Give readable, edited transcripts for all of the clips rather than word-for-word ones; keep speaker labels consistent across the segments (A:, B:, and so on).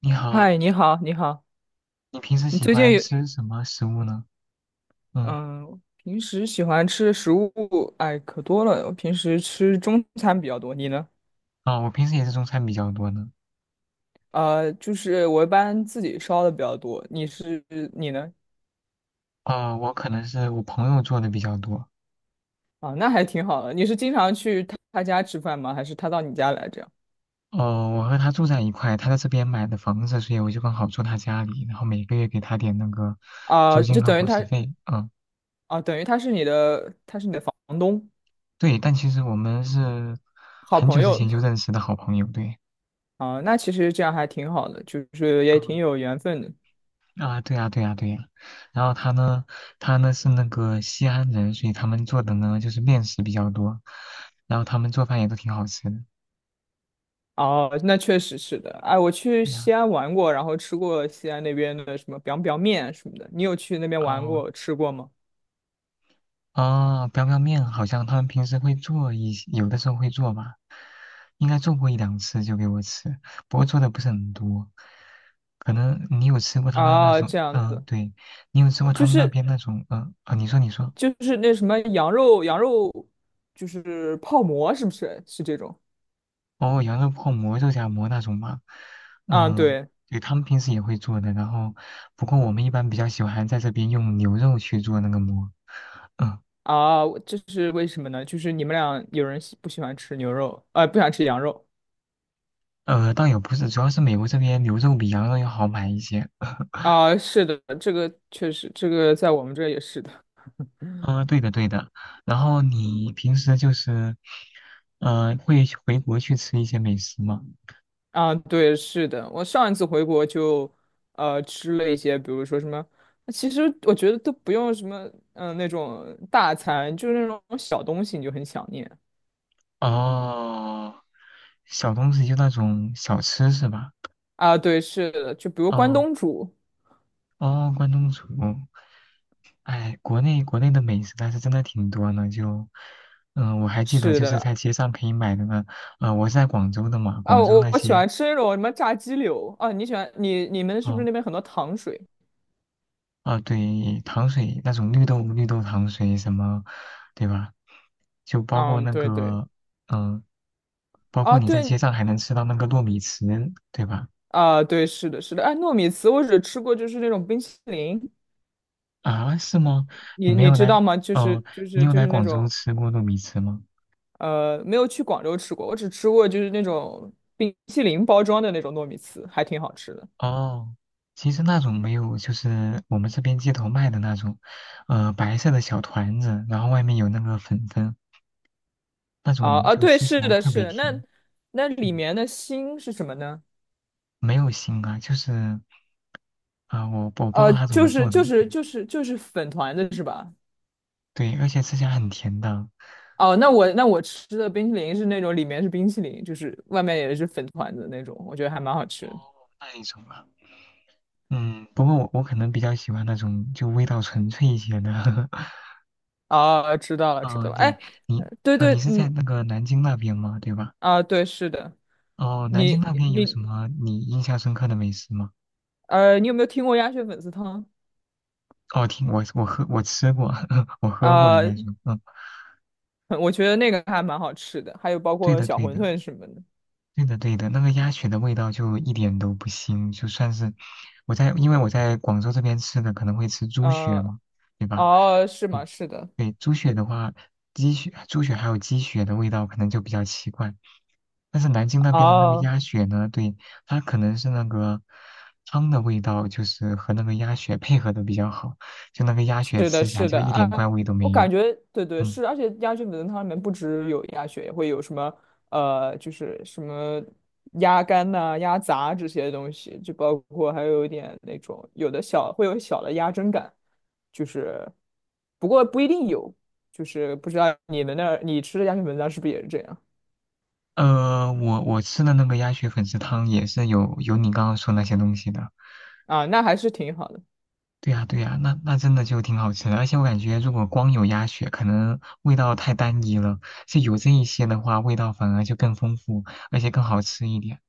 A: 你
B: 嗨，
A: 好，
B: 你好，你好，
A: 你平时
B: 你
A: 喜
B: 最近
A: 欢
B: 有
A: 吃什么食物呢？嗯，
B: 嗯，平时喜欢吃的食物，哎，可多了。我平时吃中餐比较多，你呢？
A: 啊，我平时也是中餐比较多呢。
B: 就是我一般自己烧的比较多。你呢？
A: 啊，我可能是我朋友做的比较多。
B: 啊，那还挺好的。你是经常去他家吃饭吗？还是他到你家来这样？
A: 哦，我和他住在一块，他在这边买的房子，所以我就刚好住他家里，然后每个月给他点那个
B: 啊，
A: 租
B: 就
A: 金和
B: 等于
A: 伙食
B: 他
A: 费。嗯，
B: 啊，等于他是你的，他是你的房东，
A: 对，但其实我们是
B: 好
A: 很
B: 朋
A: 久之
B: 友
A: 前就认识的好朋友，对。
B: 啊。那其实这样还挺好的，就是也挺
A: 嗯
B: 有缘分的。
A: 啊，对啊，对啊，对啊。然后他呢是那个西安人，所以他们做的呢就是面食比较多，然后他们做饭也都挺好吃的。
B: 哦，那确实是的。哎，我去
A: 对呀，
B: 西安玩过，然后吃过西安那边的什么 biang biang 面什么的。你有去那边玩
A: 哦
B: 过、吃过吗？
A: 哦，彪彪面好像他们平时会做一些，有的时候会做吧，应该做过一两次就给我吃，不过做的不是很多。可能你有吃过他那那
B: 啊，
A: 种，
B: 这样
A: 嗯、
B: 子，
A: 对，你有吃过他
B: 就
A: 们那
B: 是
A: 边那种？嗯、啊，你说你说。
B: 就是那什么羊肉，就是泡馍，是不是？是这种？
A: 哦，羊肉泡馍、肉夹馍那种吗？
B: 啊，
A: 嗯、
B: 对
A: 对，他们平时也会做的，然后不过我们一般比较喜欢在这边用牛肉去做那个馍。嗯、
B: 啊，我这是为什么呢？就是你们俩有人喜不喜欢吃牛肉，不想吃羊肉
A: 倒也不是，主要是美国这边牛肉比羊肉要好买一些。
B: 啊？是的，这个确实，这个在我们这儿也是的。
A: 啊，对的对的。然后你平时就是会回国去吃一些美食吗？
B: 啊，对，是的，我上一次回国就，吃了一些，比如说什么，其实我觉得都不用什么，那种大餐，就是那种小东西你就很想念
A: 哦，小东西就那种小吃是吧？
B: 啊。对，是的，就比如关
A: 哦
B: 东煮，
A: 哦，关东煮。哎，国内国内的美食但是真的挺多呢。就我还记得
B: 是
A: 就是
B: 的，
A: 在街上可以买的呢。我是在广州的嘛，
B: 啊，
A: 广州
B: 我
A: 那
B: 我喜
A: 些。
B: 欢吃那种什么炸鸡柳啊。你喜欢你你们是不是
A: 哦
B: 那边很多糖水？
A: 啊、对，糖水那种绿豆绿豆糖水什么，对吧？就包括
B: 嗯，
A: 那
B: 对对，
A: 个。嗯，包
B: 啊
A: 括你在
B: 对
A: 街上还能吃到那个糯米糍，对吧？
B: 啊对，是的，是的，哎，糯米糍我只吃过就是那种冰淇淋，
A: 啊，是吗？你
B: 你
A: 没
B: 你
A: 有
B: 知
A: 来，
B: 道吗？就
A: 哦、
B: 是就
A: 你
B: 是
A: 有
B: 就
A: 来
B: 是那
A: 广州
B: 种。
A: 吃过糯米糍吗？
B: 没有去广州吃过，我只吃过就是那种冰淇淋包装的那种糯米糍，还挺好吃的。
A: 哦，其实那种没有，就是我们这边街头卖的那种，白色的小团子，然后外面有那个粉粉，那
B: 啊
A: 种
B: 啊，
A: 就
B: 对，
A: 吃起
B: 是
A: 来
B: 的，
A: 特
B: 是
A: 别
B: 的。那
A: 甜。
B: 那里
A: 嗯，
B: 面的心是什么呢？
A: 没有腥啊，就是啊、我不知道
B: 呃，
A: 它怎
B: 就
A: 么
B: 是
A: 做的，
B: 就是
A: 对。
B: 就是就是粉团子是吧？
A: 对，而且吃起来很甜的。哦，
B: 哦，那我吃的冰淇淋是那种里面是冰淇淋，就是外面也是粉团子那种，我觉得还蛮好吃的。
A: 那一种啊。嗯，不过我可能比较喜欢那种就味道纯粹一些的，
B: 啊，知道了，知
A: 哦，
B: 道了。
A: 对，
B: 哎，
A: 你，
B: 对对，
A: 你是在
B: 嗯，
A: 那个南京那边吗？对吧？
B: 啊，对，是的，
A: 哦，南京
B: 你
A: 那边有什
B: 你
A: 么你印象深刻的美食吗？
B: 你有没有听过鸭血粉丝汤？
A: 哦，听我喝我吃过，我喝过应
B: 啊？
A: 该是，嗯，
B: 我觉得那个还蛮好吃的，还有包
A: 对
B: 括
A: 的
B: 小
A: 对
B: 馄
A: 的，
B: 饨什么的。
A: 对的，对的，那个鸭血的味道就一点都不腥，就算是因为我在广州这边吃的可能会吃猪血
B: 嗯、
A: 嘛，对吧？
B: 哦，是
A: 对，
B: 吗？是的，
A: 对猪血的话，鸡血、猪血还有鸡血的味道可能就比较奇怪，但是南京那边的那个
B: 哦，
A: 鸭血呢，对，它可能是那个汤的味道，就是和那个鸭血配合的比较好，就那个鸭血
B: 是的，
A: 吃起来
B: 是
A: 就
B: 的
A: 一点怪
B: 啊，
A: 味都
B: 我
A: 没有。
B: 感觉对对
A: 嗯，
B: 是，而且鸭血粉丝汤里面不只有鸭血，也会有什么就是什么鸭肝呐、鸭杂这些东西，就包括还有一点那种有的小会有小的鸭胗感，就是不过不一定有，就是不知道你们那儿你吃的鸭血粉丝汤是不是也是这样。
A: 我吃的那个鸭血粉丝汤也是有你刚刚说那些东西的。
B: 啊？那还是挺好的。
A: 对呀，对呀，那真的就挺好吃的，而且我感觉如果光有鸭血，可能味道太单一了，就有这一些的话，味道反而就更丰富，而且更好吃一点。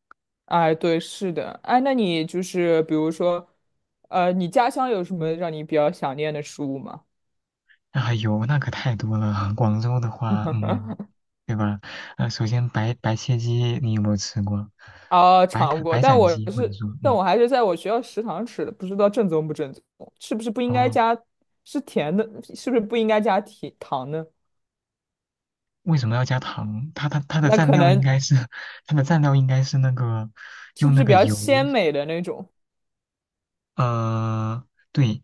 B: 哎，对，是的，哎，那你就是比如说，你家乡有什么让你比较想念的食物吗？
A: 啊，有那可太多了，广州的话，嗯，对吧？首先白切鸡你有没有吃过？
B: 啊，尝过，
A: 白斩鸡或者说，
B: 但
A: 嗯，
B: 我还是在我学校食堂吃的，不知道正宗不正宗，是不是不应该
A: 哦，
B: 加，是甜的，是不是不应该加甜糖呢？
A: 为什么要加糖？它的
B: 那
A: 蘸
B: 可
A: 料应
B: 能
A: 该是 它的蘸料应该是那个
B: 是
A: 用
B: 不
A: 那
B: 是比
A: 个
B: 较
A: 油。
B: 鲜美的那种？
A: 呃，对，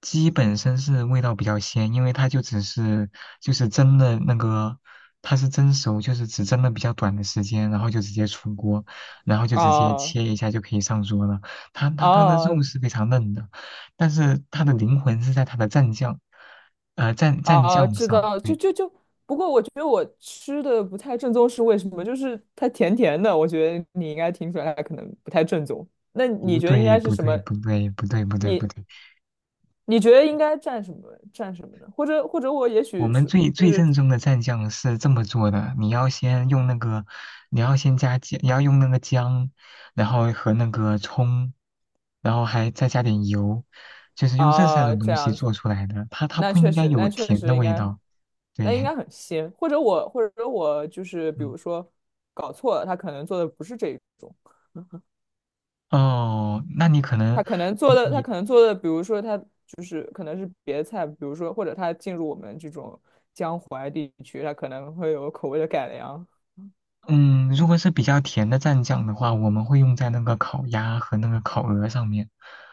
A: 鸡本身是味道比较鲜，因为它就只是就是蒸的那个。它是蒸熟，就是只蒸了比较短的时间，然后就直接出锅，然后就直接
B: 啊
A: 切一下就可以上桌了。它的
B: 啊，
A: 肉是非常嫩的，但是它的灵魂是在它的蘸酱，蘸
B: 啊，
A: 酱
B: 知
A: 上。
B: 道，就
A: 对，
B: 就就，不过我觉得我吃的不太正宗是为什么？就是它甜甜的，我觉得你应该听出来它可能不太正宗。那你
A: 不
B: 觉得应
A: 对
B: 该是
A: 不
B: 什
A: 对
B: 么？
A: 不对不对不对不
B: 你
A: 对，
B: 你觉得应该蘸什么呢？或者我也
A: 我
B: 许
A: 们
B: 是
A: 最最正宗的蘸酱是这么做的：你要先用那个，你要先加姜，你要用那个姜，然后和那个葱，然后还再加点油，就是用这三
B: 啊
A: 种
B: 这
A: 东西
B: 样子，
A: 做出来的。它
B: 那
A: 不
B: 确
A: 应该
B: 实
A: 有
B: 那确
A: 甜的
B: 实应
A: 味
B: 该
A: 道。
B: 那应
A: 对，
B: 该很鲜，或者我就是比
A: 嗯，
B: 如说搞错了，他可能做的不是这种。
A: 哦，那你可能你
B: 他
A: 你
B: 可能做的，比如说他就是可能是别的菜，比如说或者他进入我们这种江淮地区，他可能会有口味的改良。
A: 嗯，如果是比较甜的蘸酱的话，我们会用在那个烤鸭和那个烤鹅上面。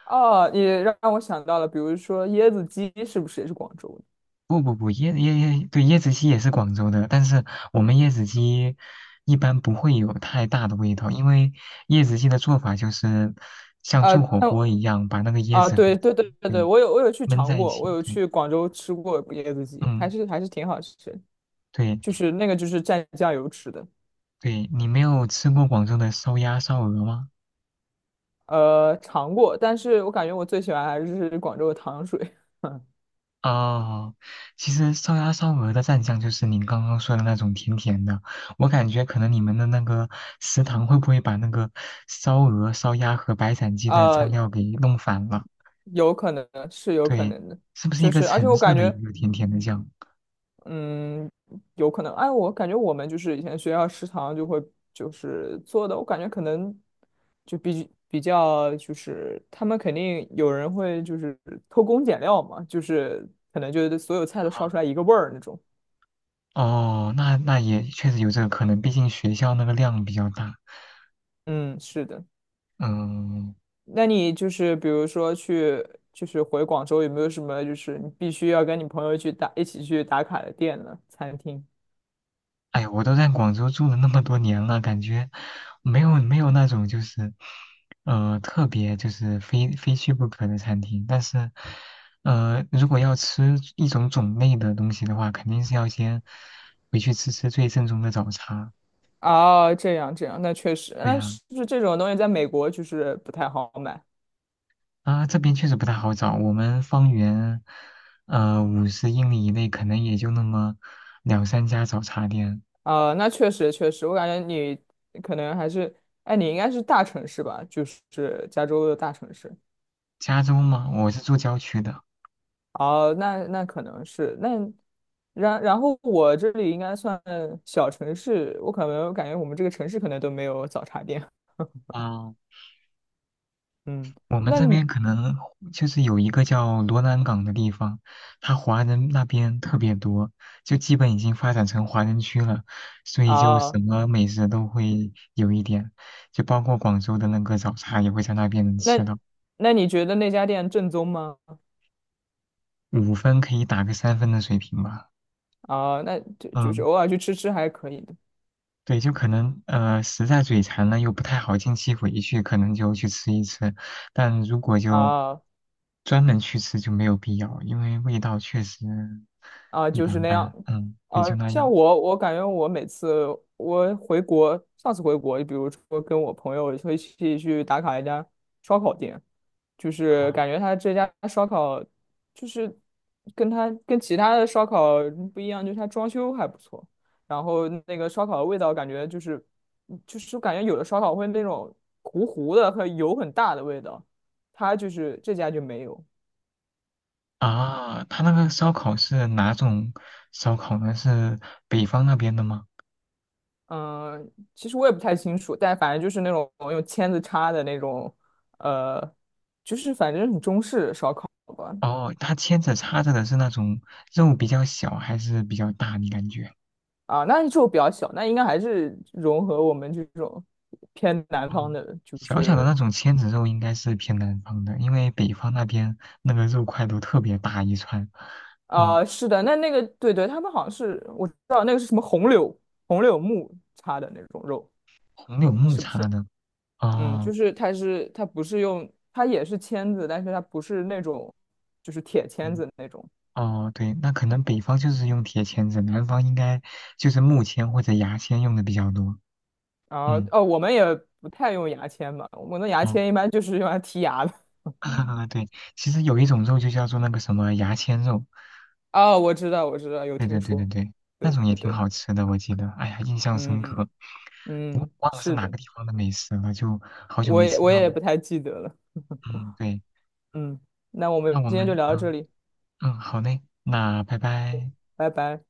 B: 哦，你让我想到了，比如说椰子鸡是不是也是广州的？
A: 不不不，椰椰椰，对，椰子鸡也是广州的，但是我们椰子鸡一般不会有太大的味道，因为椰子鸡的做法就是像
B: 啊，
A: 做火
B: 但
A: 锅一样，把那个椰
B: 啊，
A: 子和，
B: 对对对对对，
A: 对，
B: 我有去
A: 焖
B: 尝
A: 在一
B: 过，我
A: 起。
B: 有
A: 对，
B: 去广州吃过椰子鸡，还
A: 嗯，
B: 是还是挺好吃的，
A: 对
B: 就是那个就是蘸酱油吃的，
A: 对，你没有吃过广州的烧鸭、烧鹅吗？
B: 尝过，但是我感觉我最喜欢还是广州的糖水。
A: 哦，其实烧鸭烧鹅的蘸酱就是您刚刚说的那种甜甜的，我感觉可能你们的那个食堂会不会把那个烧鹅、烧鸭和白斩鸡的
B: 呃，
A: 蘸料给弄反了？
B: 有可能是有可
A: 对，
B: 能的，
A: 是不是一
B: 就
A: 个
B: 是而且
A: 橙
B: 我
A: 色
B: 感
A: 的一
B: 觉，
A: 个甜甜的酱？
B: 嗯，有可能，哎，我感觉我们就是以前学校食堂就会就是做的，我感觉可能就比较就是他们肯定有人会就是偷工减料嘛，就是可能就是所有菜都烧
A: 啊，
B: 出来一个味儿那种。
A: 哦，那也确实有这个可能，毕竟学校那个量比较大。
B: 嗯，是的。
A: 嗯，
B: 那你就是比如说去就是回广州有没有什么就是你必须要跟你朋友一起去打卡的店呢？餐厅？
A: 哎呀，我都在广州住了那么多年了，感觉没有没有那种就是，特别就是非去不可的餐厅。但是，如果要吃一种种类的东西的话，肯定是要先回去吃吃最正宗的早茶。
B: 哦，这样这样，那确实，
A: 对
B: 那
A: 呀，
B: 是不是这种东西在美国就是不太好买？
A: 啊，这边确实不太好找，我们方圆50英里以内可能也就那么两三家早茶店。
B: 啊、那确实，我感觉你可能还是，哎，你应该是大城市吧，就是加州的大城市。
A: 加州嘛，我是住郊区的。
B: 哦，那可能是那，然后我这里应该算小城市，我可能感觉我们这个城市可能都没有早茶店。
A: 啊。
B: 嗯，
A: 我们
B: 那
A: 这
B: 你
A: 边可能就是有一个叫罗南港的地方，它华人那边特别多，就基本已经发展成华人区了，所以就什
B: 啊、
A: 么美食都会有一点，就包括广州的那个早茶也会在那边能吃
B: 那
A: 到，
B: 那你觉得那家店正宗吗？
A: 5分可以打个3分的水平吧。
B: 啊、那就是
A: 嗯。
B: 偶尔去吃吃还可以的。
A: 对，就可能实在嘴馋了又不太好近期回去，可能就去吃一吃。但如果就
B: 啊、
A: 专门去吃就没有必要，因为味道确实
B: 啊，
A: 一
B: 就是
A: 般
B: 那样。
A: 般。嗯，也就
B: 啊，
A: 那样
B: 我感觉我每次我回国，上次回国，比如说跟我朋友会一起去打卡一家烧烤店，就是感
A: 啊
B: 觉他这家烧烤就是跟其他的烧烤不一样，就是他装修还不错，然后那个烧烤的味道感觉就是感觉有的烧烤会那种糊糊的和油很大的味道，他就是这家就没有。
A: 啊。他那个烧烤是哪种烧烤呢？是北方那边的吗？
B: 嗯，其实我也不太清楚，但反正就是那种用签子插的那种，呃，就是反正很中式烧烤吧。
A: 哦，他牵着插着的是那种肉比较小还是比较大？你感觉？
B: 啊，那就比较小，那应该还是融合我们这种偏南方
A: 嗯，
B: 的，就
A: 小小的
B: 是
A: 那种签子肉应该是偏南方的，因为北方那边那个肉块都特别大一串。嗯，
B: 啊，是的，那那个对对，他们好像是我知道那个是什么红柳木插的那种肉，
A: 红柳木
B: 是不
A: 叉
B: 是？
A: 的，
B: 嗯，
A: 哦，
B: 就是它是它不是用它也是签子，但是它不是那种就是铁签
A: 嗯
B: 子那种。
A: 哦，对，那可能北方就是用铁签子，南方应该就是木签或者牙签用的比较多。
B: 啊，
A: 嗯，
B: 哦，我们也不太用牙签吧。我们的牙
A: 哦，
B: 签一般就是用来剔牙的。
A: 对，其实有一种肉就叫做那个什么牙签肉，
B: 哦，我知道，我知道，有
A: 对对
B: 听
A: 对对
B: 说。
A: 对，那
B: 对
A: 种也
B: 对
A: 挺
B: 对，
A: 好吃的，我记得，哎呀，印象深刻，
B: 嗯
A: 我
B: 嗯，
A: 忘了是
B: 是
A: 哪
B: 的，
A: 个地方的美食了，就好久
B: 我
A: 没
B: 也
A: 吃
B: 我
A: 到了。
B: 也不太记得了。
A: 嗯，对。
B: 嗯，那我
A: 那
B: 们
A: 我
B: 今天就
A: 们
B: 聊到这
A: 嗯
B: 里，
A: 嗯好嘞，那拜拜。
B: 拜拜。